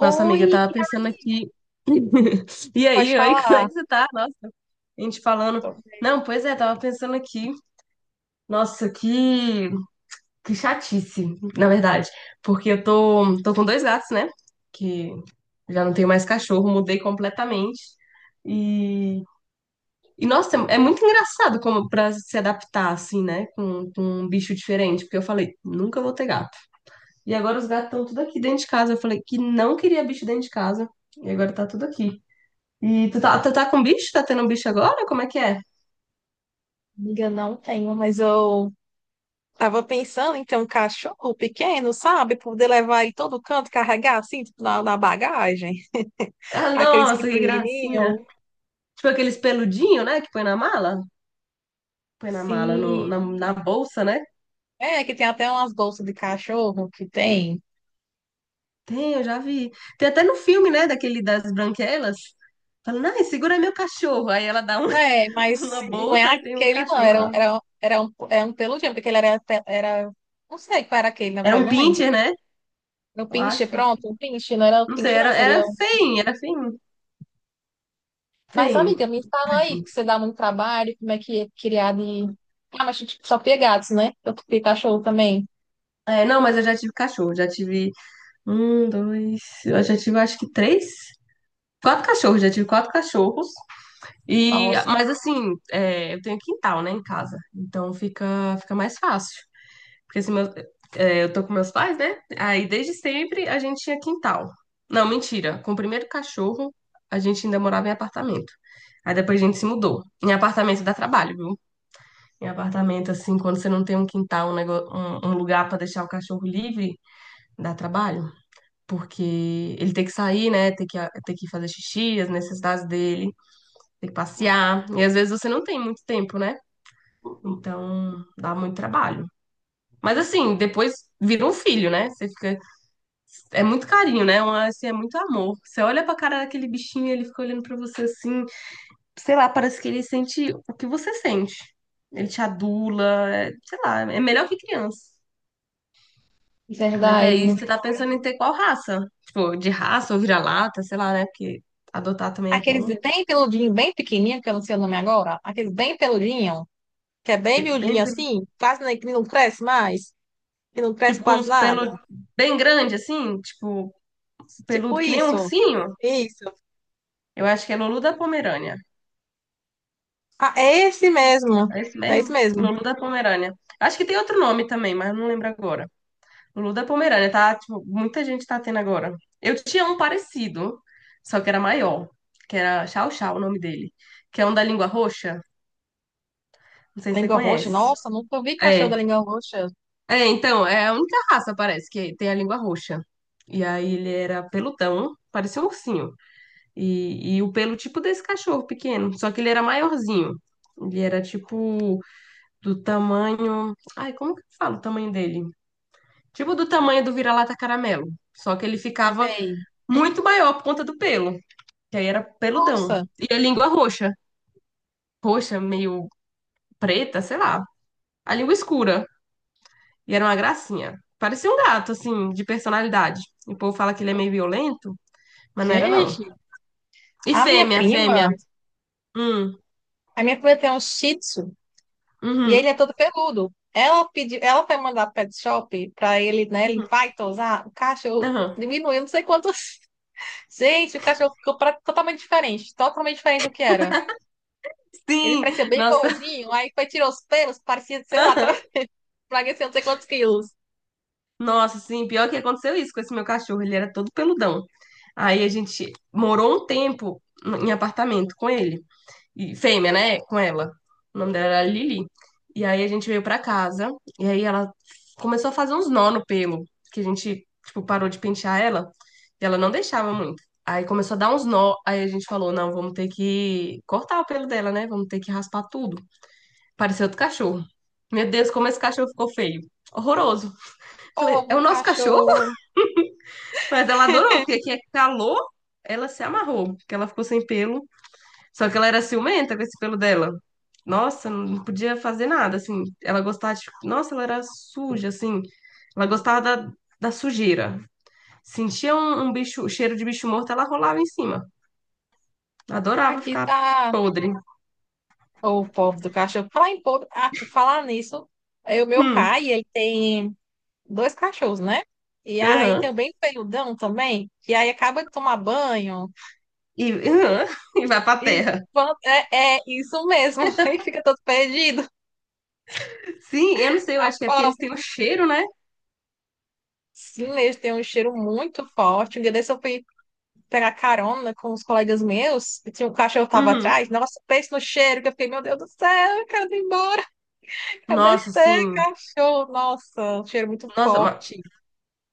Nossa amiga, eu tava pensando aqui. E pode aí, oi, como é falar. que você tá? Nossa, a gente falando. Então, Não, pois é, tava pensando aqui. Nossa, que chatice, na verdade. Porque eu tô com dois gatos, né? Que já não tenho mais cachorro, mudei completamente. E, e nossa, é muito engraçado como pra se adaptar, assim, né? Com um bicho diferente. Porque eu falei, nunca vou ter gato. E agora os gatos estão tudo aqui dentro de casa. Eu falei que não queria bicho dentro de casa. E agora tá tudo aqui. E tu tá com bicho? Tá tendo um bicho agora? Como é que é? amiga, não tenho, mas eu tava pensando em ter um cachorro pequeno, sabe? Poder levar ele todo canto, carregar assim, tipo, na bagagem. Ah, Aqueles nossa, que gracinha. pequenininhos. Tipo aqueles peludinhos, né? Que põe na mala? Põe na mala, no, Sim. na, na bolsa, né? É, que tem até umas bolsas de cachorro que tem. Tem, eu já vi. Tem até no filme, né? Daquele das branquelas. Falando, ai, segura meu cachorro. Aí ela dá É, mas uma não é bolsa, aí tem um aquele, não. cachorro Era, um- lá. era, um- era um, era um peludinho, porque ele era, era. Não sei qual era aquele, na Era verdade, um não lembro. pincher, né? Era o Eu pinche, acho. pronto, o pinche, não era o Não sei, pinche, não, seria. era feinho, era feinho. Mas, Feinho. amiga, me fala aí Tadinho. que você dá muito trabalho, como é que é criar de. Ah, mas tipo, só ter gatos, né? Eu ter cachorro também. É, não, mas eu já tive cachorro. Já tive um, dois. Eu já tive, acho que três. Quatro cachorros, já tive quatro cachorros. Nossa, Mas assim, é, eu tenho quintal, né, em casa. Então fica mais fácil. Porque assim, é, eu tô com meus pais, né? Aí desde sempre a gente tinha quintal. Não, mentira. Com o primeiro cachorro, a gente ainda morava em apartamento. Aí depois a gente se mudou. Em apartamento dá trabalho, viu? Em apartamento, assim, quando você não tem um quintal, um lugar pra deixar o cachorro livre, dá trabalho. Porque ele tem que sair, né? Tem que fazer xixi, as necessidades dele. Tem que passear. E às vezes você não tem muito tempo, né? Então dá muito trabalho. Mas assim, depois vira um filho, né? Você fica. É muito carinho, né? Uma, assim, é muito amor. Você olha pra cara daquele bichinho, e ele fica olhando pra você assim. Sei lá, parece que ele sente o que você sente. Ele te adula, sei lá, é melhor que criança. Mas aí verdade. você tá pensando em ter qual raça? Tipo, de raça ou vira-lata, sei lá, né? Porque adotar também é Aqueles bom. bem peludinho, bem pequenininho, que eu não sei o nome agora. Aqueles bem peludinho, que é bem Bem, miudinho bem- assim, quase nem, que não cresce mais, que não cresce tipo, com quase uns nada. pelos bem grande assim, tipo. Tipo Peludo que nem isso. ursinho. Isso. Eu acho que é Lulu da Pomerânia. Ah, é esse mesmo. É esse É esse mesmo? mesmo. Lulu da Pomerânia. Acho que tem outro nome também, mas não lembro agora. Lulu da Pomerânia, tá? Tipo, muita gente tá tendo agora. Eu tinha um parecido, só que era maior, que era Chau Chau o nome dele, que é um da língua roxa. Não sei se você Língua roxa. conhece. Nossa, nunca vi cachorro É, da língua roxa. é, então, é a única raça, parece, que tem a língua roxa. E aí ele era peludão, parecia um ursinho. E o pelo tipo desse cachorro pequeno, só que ele era maiorzinho. Ele era tipo do tamanho. Ai, como que eu falo o tamanho dele? Tipo do tamanho do vira-lata caramelo. Só que ele ficava Sei. muito maior por conta do pelo, que aí era peludão. Nossa, E a língua roxa, roxa, meio preta, sei lá. A língua escura. E era uma gracinha. Parecia um gato, assim, de personalidade. E o povo fala que ele é meio violento, mas não era, não. gente, E a minha fêmea, fêmea. prima. Hum, A minha filha tem um Shih Tzu e ele uhum, é todo peludo. Ela pediu, ela foi mandar pro pet shop para ele, né, uhum, limpar e tosar. O cachorro aham. diminuiu, não sei quantos. Gente, o cachorro ficou totalmente diferente do que era. Ele Sim, parecia bem nossa, gordinho, aí foi tirar os pelos, parecia, sei lá, tá emagrecendo não sei quantos quilos. nossa, sim, pior que aconteceu isso com esse meu cachorro, ele era todo peludão. Aí a gente morou um tempo em apartamento com ele, e fêmea, né, com ela. O nome dela era Lili. E aí a gente veio pra casa, e aí ela começou a fazer uns nó no pelo, que a gente, tipo, parou de pentear ela, e ela não deixava muito. Aí começou a dar uns nó, aí a gente falou, não, vamos ter que cortar o pelo dela, né? Vamos ter que raspar tudo. Pareceu outro cachorro. Meu Deus, como esse cachorro ficou feio. Horroroso. Falei, Pobre é do o nosso cachorro? cachorro. Mas ela adorou, porque aqui é calor, ela se amarrou, porque ela ficou sem pelo. Só que ela era ciumenta com esse pelo dela. Nossa, não podia fazer nada, assim. Ela gostava de... Nossa, ela era suja, assim. Ela gostava da sujeira. Sentia um bicho, cheiro de bicho morto, ela rolava em cima. Adorava Aqui ficar tá. podre. Ô, pobre do cachorro. Falar em pobre, ah, por falar nisso, é o meu Hum, pai, ele tem dois cachorros, né? E aí aham. tem o bem feiudão também, que aí acaba de tomar banho E, aham, e vai pra e terra. É, é isso mesmo, e fica todo perdido. Sim, eu não sei, eu A acho que é porque pobre. eles têm o cheiro, né? Sim, eles têm um cheiro muito forte. Um dia desse eu fui pegar carona com os colegas meus, e tinha um cachorro que tava Uhum. atrás. Nossa, pensa no cheiro, que eu fiquei, meu Deus do céu, eu quero ir embora, eu quero Nossa, descer, sim. cachorro. Nossa, um cheiro muito Nossa, forte.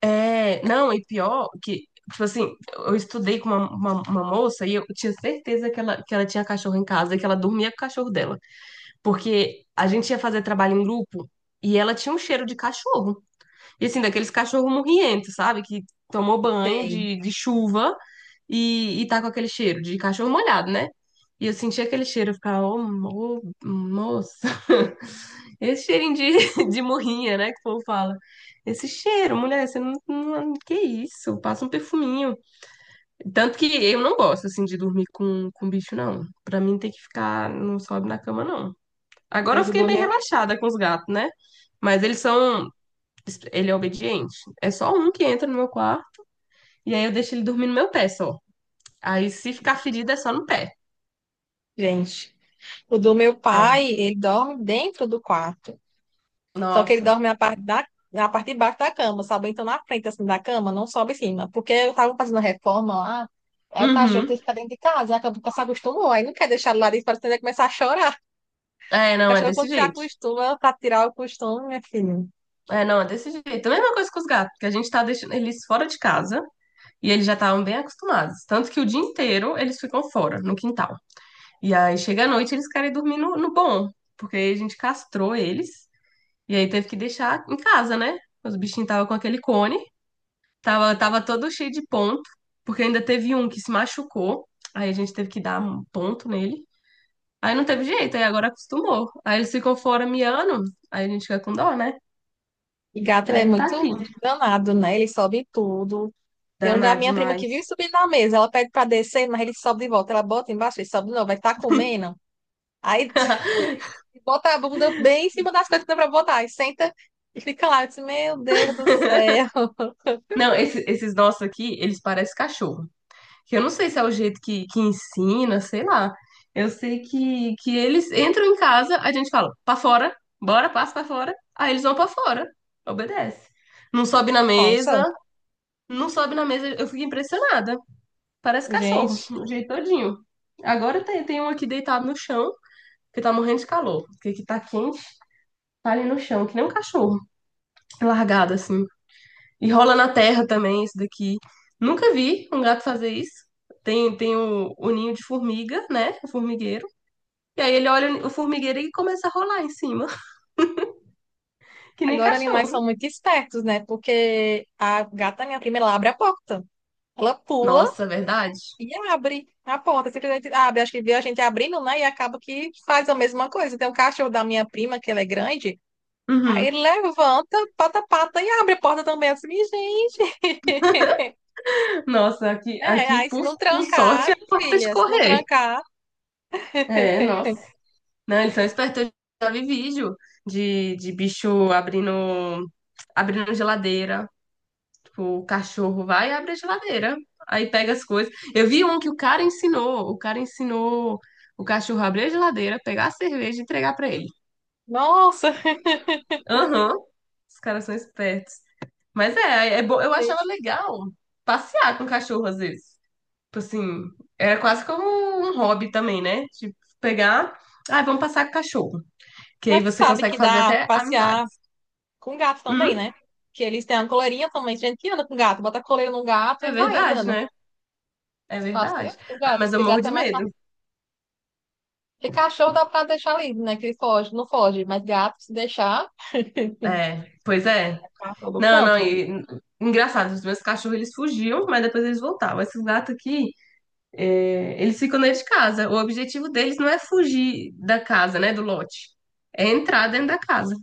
é, não, e pior que, tipo assim, eu estudei com uma moça e eu tinha certeza que ela tinha cachorro em casa e que ela dormia com o cachorro dela. Porque a gente ia fazer trabalho em grupo e ela tinha um cheiro de cachorro. E assim, daqueles cachorros morrientos, sabe? Que tomou banho Tem. De chuva e tá com aquele cheiro de cachorro molhado, né? E eu sentia aquele cheiro, eu ficava, ô, moça. Esse cheirinho de, de morrinha, né, que o povo fala. Esse cheiro, mulher, você não. Que isso? Passa um perfuminho. Tanto que eu não gosto, assim, de dormir com bicho, não. Pra mim tem que ficar... Não sobe na cama, não. Agora eu Mas o fiquei do meio meu, relaxada com os gatos, né? Mas eles são... Ele é obediente. É só um que entra no meu quarto e aí eu deixo ele dormir no meu pé só. Aí se ficar ferido é só no pé. gente, o do meu É. pai, ele dorme dentro do quarto. Só que ele Nossa. dorme na parte de baixo da cama, sabe? Então na frente assim da cama, não sobe em cima. Porque eu tava fazendo reforma lá, aí o cachorro tem Uhum. que ficar dentro de casa, e acabou que se acostumou. Aí não quer deixar ele lá dentro, parece que ele vai começar a chorar. É, O não, é cachorro, desse quando se jeito. acostuma, pra tirar o costume, minha filha. É, não, é desse jeito. A mesma coisa com os gatos, que a gente tá deixando eles fora de casa e eles já estavam bem acostumados. Tanto que o dia inteiro eles ficam fora, no quintal. E aí chega à noite eles querem dormir no bom, porque a gente castrou eles e aí teve que deixar em casa, né? Os bichinhos estavam com aquele cone, tava todo cheio de ponto, porque ainda teve um que se machucou, aí a gente teve que dar um ponto nele. Aí não teve jeito, aí agora acostumou. Aí eles ficam fora miando, aí a gente fica com dó, né? E gato, ele Aí é ele tá aqui. muito danado, né? Ele sobe em tudo. Tem um da Danado minha prima que vive demais. subindo na mesa. Ela pede pra descer, mas ele sobe de volta. Ela bota embaixo, ele sobe de novo. Vai estar comendo. Aí e bota a bunda bem em cima das coisas que dá pra botar. E senta e fica lá. Eu disse, meu Deus do céu. Não, esses nossos aqui, eles parecem cachorro. Que eu não sei se é o jeito que ensina, sei lá. Eu sei que eles entram em casa, a gente fala, pra fora, bora, passa pra fora. Aí eles vão pra fora, obedece. Não sobe na Nossa, mesa, não sobe na mesa. Eu fico impressionada. Parece cachorro, gente. o jeito todinho. Agora tem um aqui deitado no chão, que tá morrendo de calor. Porque aqui tá quente, tá ali no chão, que nem um cachorro, largado assim. E rola na terra também isso daqui. Nunca vi um gato fazer isso. Tem o ninho de formiga, né? O formigueiro. E aí ele olha o formigueiro e começa a rolar em cima, que nem Agora animais são cachorro. muito espertos, né? Porque a gata, minha prima, ela abre a porta. Ela pula Nossa, é verdade? e abre a porta. Simplesmente abre. Acho que viu a gente abrindo, né? E acaba que faz a mesma coisa. Tem um cachorro da minha prima, que ele é grande. Aí Uhum. ele levanta, pata a pata e abre a porta também. Eu disse, "Minha gente." Nossa, É, aqui aí se não por trancar, sorte, é minha porta de filha, se não correr. trancar, É, nossa. Não, eles são espertos. Eu já vi vídeo de bicho abrindo, abrindo geladeira. O cachorro vai e abre a geladeira. Aí pega as coisas. Eu vi um que o cara ensinou. O cara ensinou o cachorro a abrir a geladeira, pegar a cerveja e entregar pra ele. nossa. Aham. Os caras são espertos. Mas é bom. Eu achava legal passear com o cachorro às vezes. Tipo assim, era quase como um hobby também, né? Tipo, pegar. Ah, vamos passar com o cachorro. Que aí Mas tu você sabe consegue que fazer dá pra até passear amizades. com gato também, Hum, né? Que eles têm uma coleirinha também. Gente que anda com gato, bota a coleira no gato é e vai verdade, andando. né? É Passeia verdade. com Ah, gato, mas eu porque morro gato é de mais fácil. medo. Porque cachorro dá pra deixar livre, né? Que ele foge, não foge. Mas gato, se deixar, É, pois é. tá todo Não, não, canto. e engraçado, os meus cachorros eles fugiam, mas depois eles voltavam. Esses gatos aqui, é, eles ficam dentro de casa. O objetivo deles não é fugir da casa, né, do lote, é entrar dentro da casa.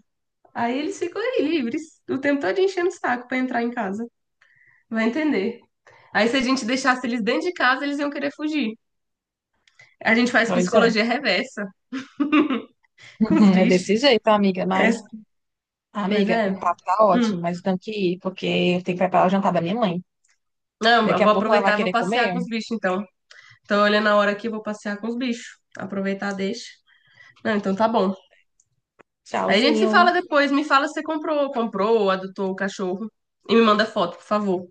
Aí eles ficam aí livres, o tempo todo enchendo o saco pra entrar em casa. Vai entender. Aí se a gente deixasse eles dentro de casa, eles iam querer fugir. A gente faz Pois é. psicologia reversa com os Uhum, é bichos. desse jeito, amiga. É, Mas, mas amiga, o é. papo tá ótimo, Hum. mas eu tenho que ir, porque eu tenho que preparar o jantar da minha mãe. Não, eu Daqui a vou pouco ela vai aproveitar e vou querer passear comer. com os bichos então. Tô olhando a hora que eu vou passear com os bichos. Aproveitar, deixa. Não, então tá bom. Aí a gente se Tchauzinho. fala depois. Me fala se você comprou, ou adotou o cachorro. E me manda foto, por favor.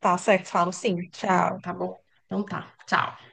Tá certo, falo sim. Tchau. Tá bom? Então tá. Tchau.